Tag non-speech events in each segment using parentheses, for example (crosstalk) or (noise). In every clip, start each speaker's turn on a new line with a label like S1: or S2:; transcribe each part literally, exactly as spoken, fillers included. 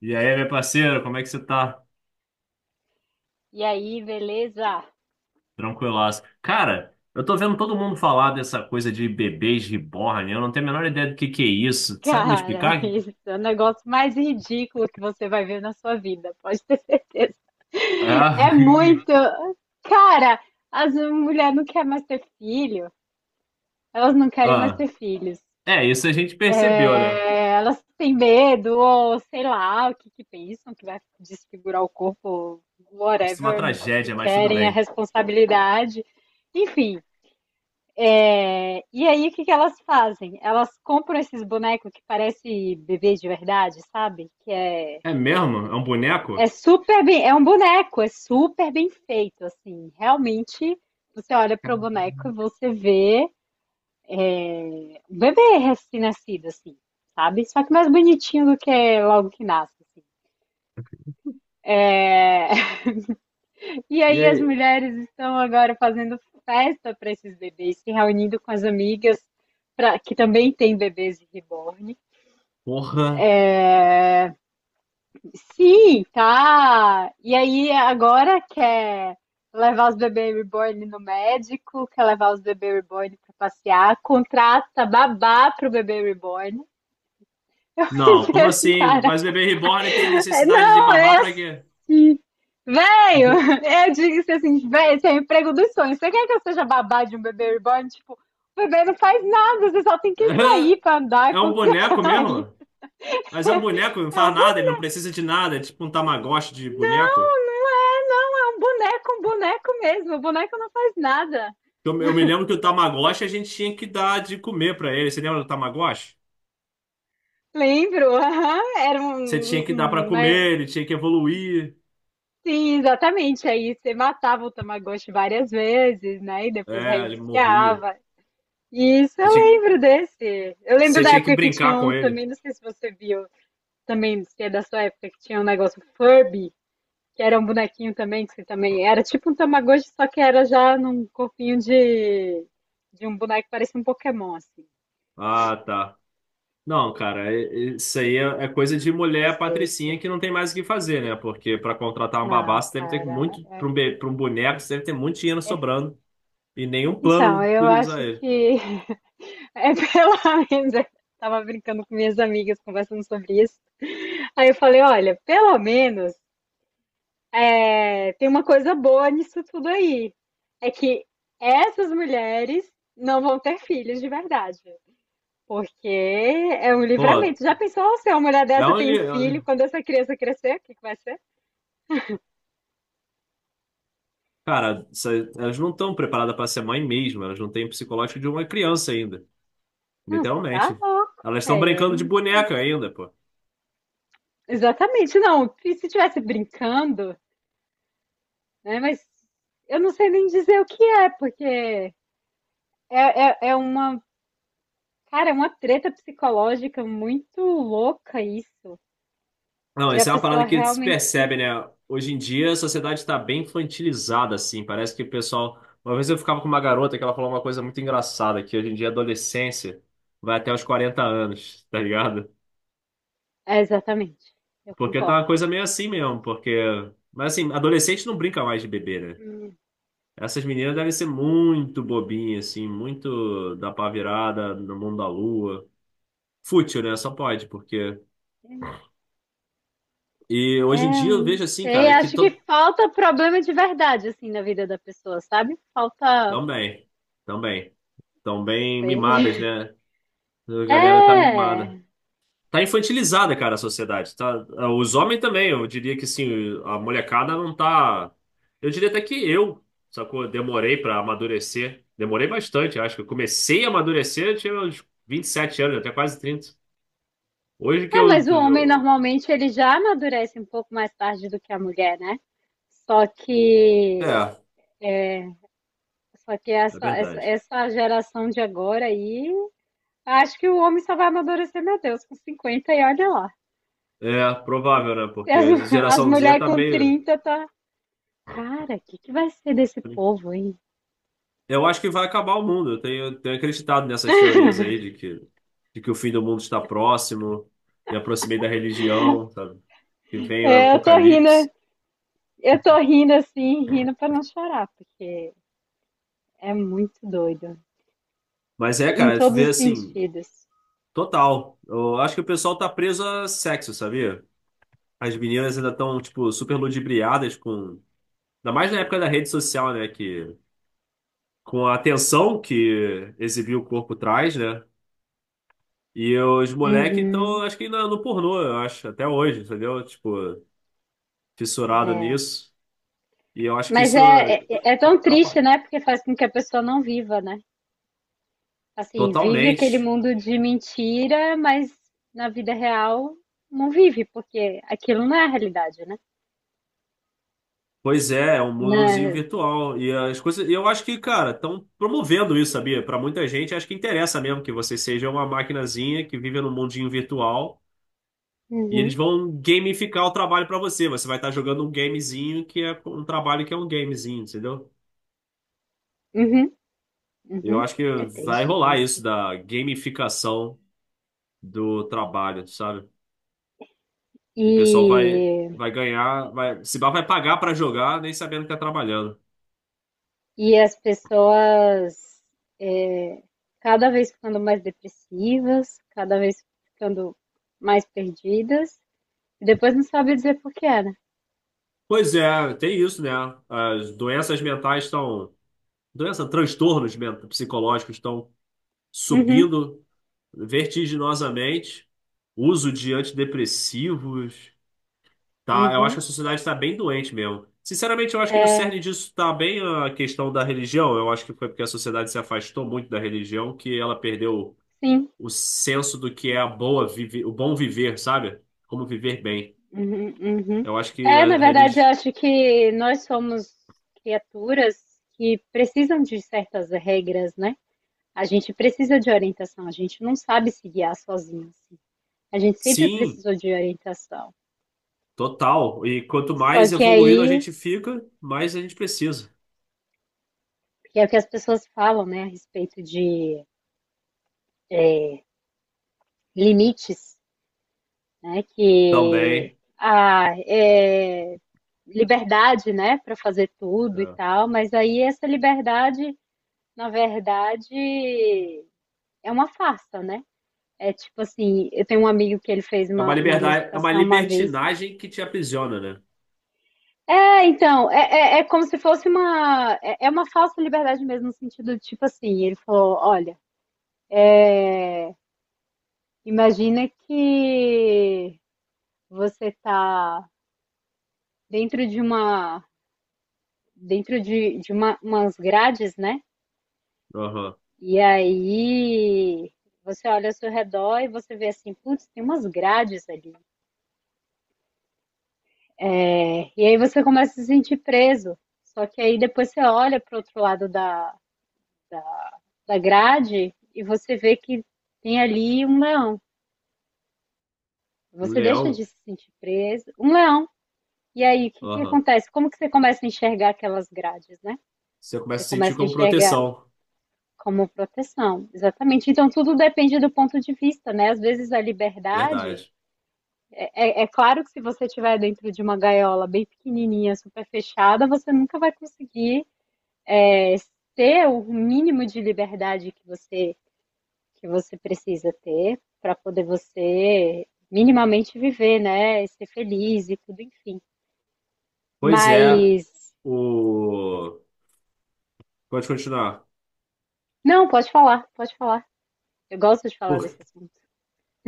S1: E aí, meu parceiro, como é que você tá?
S2: E aí, beleza?
S1: Tranquilaço. Cara, eu tô vendo todo mundo falar dessa coisa de bebês reborn, eu não tenho a menor ideia do que que é isso. Sabe me
S2: Cara, (laughs)
S1: explicar?
S2: isso é o negócio mais ridículo que você vai ver na sua vida, pode ter certeza. É
S1: Ah,
S2: muito. Cara, as mulheres não querem mais ter filho, elas não
S1: (laughs)
S2: querem mais
S1: ah.
S2: ter filhos.
S1: É, isso a gente percebeu, né?
S2: É, elas têm medo, ou sei lá, o que que pensam, que vai desfigurar o corpo,
S1: Isso é uma
S2: whatever, não
S1: tragédia, mas tudo
S2: querem a
S1: bem.
S2: responsabilidade. Enfim. É, e aí, o que que elas fazem? Elas compram esses bonecos que parece bebês de verdade, sabe? Que é,
S1: É mesmo? É um
S2: é
S1: boneco?
S2: super bem, é um boneco, é super bem feito, assim. Realmente, você olha pro boneco e você vê um bebê recém-nascido, assim, sabe? Só que mais bonitinho do que logo que nasce, assim. É. (laughs) E
S1: E
S2: aí, as
S1: aí?
S2: mulheres estão agora fazendo festa para esses bebês, se reunindo com as amigas pra- que também têm bebês de reborn.
S1: Porra.
S2: Sim, tá. E aí agora quer levar os bebês reborn no médico, quer levar os bebês reborn pra passear, contrata babá pro bebê reborn. (laughs) Eu
S1: Não,
S2: pensei
S1: como
S2: assim,
S1: assim?
S2: cara,
S1: Mas bebê reborn tem
S2: é,
S1: necessidade de
S2: não,
S1: babar
S2: é assim,
S1: pra quê?
S2: velho, é, eu disse assim, velho, esse é o emprego dos sonhos. Você quer que eu seja babá de um bebê reborn? Tipo, o bebê não faz nada, você só tem que sair
S1: (laughs)
S2: pra andar
S1: É
S2: com
S1: um
S2: o cara.
S1: boneco mesmo?
S2: (laughs)
S1: Mas é um boneco, não
S2: É
S1: faz
S2: um
S1: nada, ele não precisa de nada, é tipo um Tamagotchi de boneco.
S2: Não, não é, não, é um boneco, um boneco mesmo. O boneco não faz nada.
S1: Eu, eu me lembro que o Tamagotchi a gente tinha que dar de comer pra ele. Você lembra do Tamagotchi?
S2: Lembro, aham, era um,
S1: Você tinha que dar pra
S2: um- uma-
S1: comer, ele tinha que evoluir.
S2: Sim, exatamente. Aí você matava o Tamagotchi várias vezes, né? E depois
S1: É, ele morria.
S2: reiniciava. Isso
S1: Você
S2: eu
S1: tinha, que-
S2: lembro desse. Eu lembro
S1: Você
S2: da
S1: tinha que
S2: época que tinha
S1: brincar com
S2: um
S1: ele.
S2: também, não sei se você viu, também, se é da sua época, que tinha um negócio Furby, que era um bonequinho também, que você também era tipo um Tamagotchi, só que era já num corpinho de, de um boneco que parecia um Pokémon, assim.
S1: Ah, tá. Não, cara, e- e- isso aí é, é coisa de mulher
S2: Mas
S1: patricinha
S2: esse.
S1: que não tem mais o que fazer, né? Porque pra contratar um babá,
S2: Não,
S1: você deve ter
S2: cara,
S1: muito. Pra
S2: é-
S1: um, be- pra um boneco, você deve ter muito dinheiro sobrando. E nenhum plano
S2: então,
S1: do que
S2: eu
S1: usar
S2: acho
S1: ele.
S2: que (laughs) é pelo menos. Eu tava brincando com minhas amigas, conversando sobre isso. Aí eu falei: olha, pelo menos é, tem uma coisa boa nisso tudo aí. É que essas mulheres não vão ter filhos de verdade. Porque é um
S1: Pô,
S2: livramento. Já pensou: "Oh, se uma mulher
S1: é
S2: dessa tem um filho,
S1: um.
S2: quando essa criança crescer, o que que vai ser?"
S1: Cara, essa- Elas não estão preparadas para ser mãe mesmo, elas não têm o psicológico de uma criança ainda,
S2: Não, você tá
S1: literalmente.
S2: louco.
S1: Elas estão
S2: É, é-
S1: brincando de boneca ainda, pô.
S2: exatamente, não. E se estivesse brincando, né? Mas eu não sei nem dizer o que é, porque é, é, é uma, cara, é uma treta psicológica muito louca isso,
S1: Não,
S2: de a
S1: essa é uma parada
S2: pessoa
S1: que se
S2: realmente.
S1: percebe, né? Hoje em dia a sociedade está bem infantilizada, assim. Parece que o pessoal. Uma vez eu ficava com uma garota que ela falou uma coisa muito engraçada, que hoje em dia a adolescência vai até os quarenta anos, tá ligado?
S2: É, exatamente, eu
S1: Porque tá uma
S2: concordo.
S1: coisa meio assim mesmo, porque. Mas assim, adolescente não brinca mais de bebê, né?
S2: Hum.
S1: Essas meninas devem ser muito bobinhas, assim, muito da pá virada, no mundo da lua. Fútil, né? Só pode, porque. E
S2: É,
S1: hoje em
S2: eu
S1: dia eu
S2: não
S1: vejo assim,
S2: sei,
S1: cara, que
S2: acho que
S1: to...
S2: falta problema de verdade, assim, na vida da pessoa, sabe? Falta. Não
S1: também, também, tão bem
S2: sei.
S1: mimadas,
S2: (laughs)
S1: né? A galera tá
S2: É.
S1: mimada. Tá infantilizada, cara, a sociedade. Tá... Os homens também, eu diria que sim, a molecada não tá. Eu diria até que eu, sacou? Demorei pra amadurecer. Demorei bastante, acho que eu comecei a amadurecer, eu tinha uns vinte e sete anos, até quase trinta. Hoje que
S2: É,
S1: eu,
S2: mas o homem
S1: eu-
S2: normalmente ele já amadurece um pouco mais tarde do que a mulher, né? Só que
S1: É,
S2: Só que
S1: é
S2: essa, essa,
S1: verdade.
S2: essa geração de agora aí, acho que o homem só vai amadurecer, meu Deus, com cinquenta e olha lá.
S1: É provável, né?
S2: E
S1: Porque
S2: as,
S1: a
S2: (laughs) as
S1: geração zê
S2: mulheres
S1: tá
S2: com
S1: meio.
S2: trinta tá. Cara, o que, que vai ser desse povo, aí?
S1: Eu acho que vai acabar o mundo. Eu tenho, tenho acreditado nessas teorias aí de que, de que o fim do mundo está próximo. Me aproximei da religião, sabe? Que vem o
S2: É, eu tô rindo,
S1: apocalipse.
S2: eu tô rindo assim, rindo pra não chorar, porque é muito doido.
S1: Mas é,
S2: Em
S1: cara, tu
S2: todos
S1: vê
S2: os
S1: assim,
S2: sentidos.
S1: total. Eu acho que o pessoal tá preso a sexo, sabia? As meninas ainda estão, tipo, super ludibriadas com. Ainda mais na época da rede social, né? Que com a atenção que exibir o corpo traz, né? E os moleques estão,
S2: Uhum,
S1: acho que ainda no pornô, eu acho, até hoje, entendeu? Tipo, fissurado
S2: é.
S1: nisso. E eu acho que
S2: Mas
S1: isso
S2: é, é, é tão triste,
S1: atrapalha
S2: né? Porque faz com que a pessoa não viva, né? Assim, vive aquele
S1: totalmente.
S2: mundo de mentira, mas na vida real não vive, porque aquilo não é a realidade, né?
S1: Pois é, é um mundozinho
S2: Na...
S1: virtual. E as coisas. E eu acho que, cara, estão promovendo isso, sabia? Para muita gente, acho que interessa mesmo que você seja uma maquinazinha que vive num mundinho virtual. E eles
S2: Uhum,
S1: vão gamificar o trabalho para você. Você vai estar jogando um gamezinho que é um trabalho que é um gamezinho, entendeu?
S2: uhum,
S1: Eu
S2: uhum.
S1: acho que
S2: É
S1: vai
S2: triste
S1: rolar
S2: isso.
S1: isso da gamificação do trabalho, sabe? E o pessoal vai,
S2: E,
S1: vai ganhar, vai, se bar vai pagar pra jogar, nem sabendo que tá trabalhando.
S2: e as pessoas, é, cada vez ficando mais depressivas, cada vez ficando mais perdidas, e depois não sabe dizer por que é, né?
S1: Pois é, tem isso, né? As doenças mentais estão, doença, transtornos men- psicológicos estão
S2: Uhum,
S1: subindo vertiginosamente. Uso de antidepressivos, tá, eu acho que
S2: uhum.
S1: a sociedade está bem doente mesmo. Sinceramente, eu acho que no
S2: É,
S1: cerne disso está bem a questão da religião. Eu acho que foi porque a sociedade se afastou muito da religião que ela perdeu
S2: sim.
S1: o senso do que é a boa vive, o bom viver, sabe? Como viver bem.
S2: Uhum, uhum.
S1: Eu acho que
S2: É, na
S1: a
S2: verdade, eu
S1: religião.
S2: acho que nós somos criaturas que precisam de certas regras, né? A gente precisa de orientação, a gente não sabe se guiar sozinho, assim. A gente sempre
S1: Sim,
S2: precisou de orientação.
S1: total. E quanto
S2: Só
S1: mais
S2: que
S1: evoluído a
S2: aí,
S1: gente fica, mais a gente precisa.
S2: que é o que as pessoas falam, né, a respeito de limites, né? Que
S1: Também.
S2: a é liberdade, né, para fazer tudo e
S1: É,
S2: tal, mas aí essa liberdade, na verdade, é uma farsa, né. É tipo assim, eu tenho um amigo que ele fez
S1: É uma
S2: uma uma
S1: liberdade, é uma
S2: ilustração uma vez
S1: libertinagem que te aprisiona, né?
S2: é, então, é é é como se fosse uma é é uma falsa liberdade mesmo, no sentido de tipo assim, ele falou: "Olha, eh, imagina que você tá dentro de uma dentro de de uma umas grades, né,
S1: Aham.
S2: e aí você olha ao seu redor e você vê assim: 'Putz, tem umas grades ali'". É, e aí você começa a se sentir preso. Só que aí depois você olha para o outro lado da, da grade e você vê que tem ali um leão.
S1: Um
S2: Você deixa de
S1: leão.
S2: se sentir preso. Um leão. E aí, o que que
S1: Aham.
S2: acontece? Como que você começa a enxergar aquelas grades, né?
S1: Você começa
S2: Você
S1: a sentir
S2: começa a
S1: como
S2: enxergar
S1: proteção.
S2: como proteção, exatamente. Então, tudo depende do ponto de vista, né? Às vezes a liberdade,
S1: Verdade.
S2: é, é claro que se você estiver dentro de uma gaiola bem pequenininha, super fechada, você nunca vai conseguir ter o mínimo de liberdade que você que você precisa ter para poder você minimamente viver, né? Ser feliz e tudo, enfim.
S1: Pois é,
S2: Mas
S1: o... Pode continuar.
S2: não, pode falar, pode falar. Eu gosto de falar
S1: Por...
S2: desse assunto.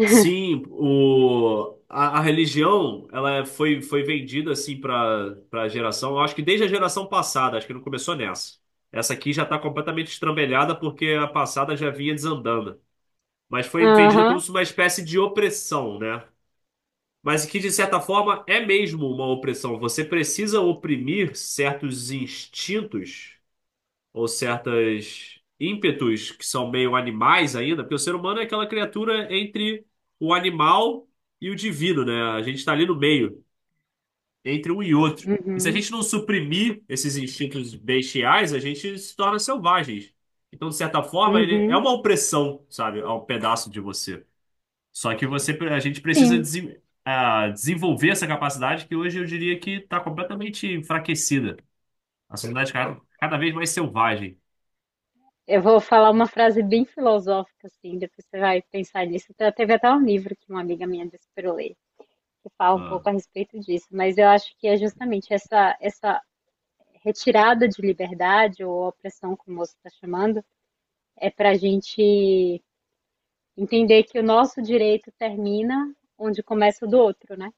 S1: Sim, o... a, a religião ela foi, foi vendida assim para para geração, eu acho que desde a geração passada, acho que não começou nessa. Essa aqui já está completamente estrambelhada porque a passada já vinha desandando. Mas foi vendida como
S2: Aham,
S1: se uma espécie de opressão, né? Mas que, de certa forma, é mesmo uma opressão. Você precisa oprimir certos instintos ou certos ímpetos que são meio animais ainda, porque o ser humano é aquela criatura entre o animal e o divino, né? A gente está ali no meio, entre um e outro. E se a
S2: uhum,
S1: gente não suprimir esses instintos bestiais, a gente se torna selvagens. Então, de certa forma, ele é
S2: uhum,
S1: uma opressão, sabe, a um pedaço de você. Só que você, a gente precisa
S2: sim.
S1: desen- ah, desenvolver essa capacidade que hoje eu diria que está completamente enfraquecida. A sociedade cada, cada vez mais selvagem.
S2: Eu vou falar uma frase bem filosófica, assim, depois você vai pensar nisso. Até- Teve até um livro que uma amiga minha disse para eu ler, que fala um
S1: Ah,
S2: pouco a respeito disso, mas eu acho que é justamente essa, essa retirada de liberdade ou opressão, como você está chamando, é para a gente entender que o nosso direito termina onde começa o do outro, né?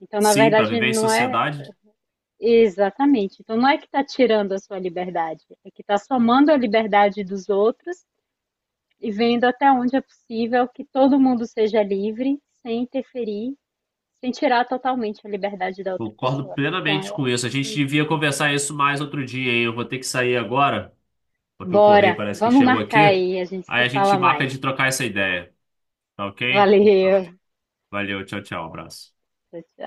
S2: Então, na
S1: sim, para
S2: verdade,
S1: viver em
S2: não é
S1: sociedade.
S2: exatamente. Então, não é que está tirando a sua liberdade, é que está somando a liberdade dos outros e vendo até onde é possível que todo mundo seja livre, sem interferir, sem tirar totalmente a liberdade da outra
S1: Concordo
S2: pessoa. Né? Então,
S1: plenamente
S2: eu
S1: com
S2: acho
S1: isso. A gente
S2: que
S1: devia conversar isso mais outro dia, hein? Eu vou ter que sair agora, porque o correio
S2: bora,
S1: parece que
S2: vamos
S1: chegou
S2: marcar
S1: aqui.
S2: aí, a gente
S1: Aí
S2: se
S1: a gente
S2: fala
S1: marca
S2: mais.
S1: de trocar essa ideia, tá ok? Tá.
S2: Valeu.
S1: Valeu, tchau, tchau, abraço.
S2: Tchau, tchau.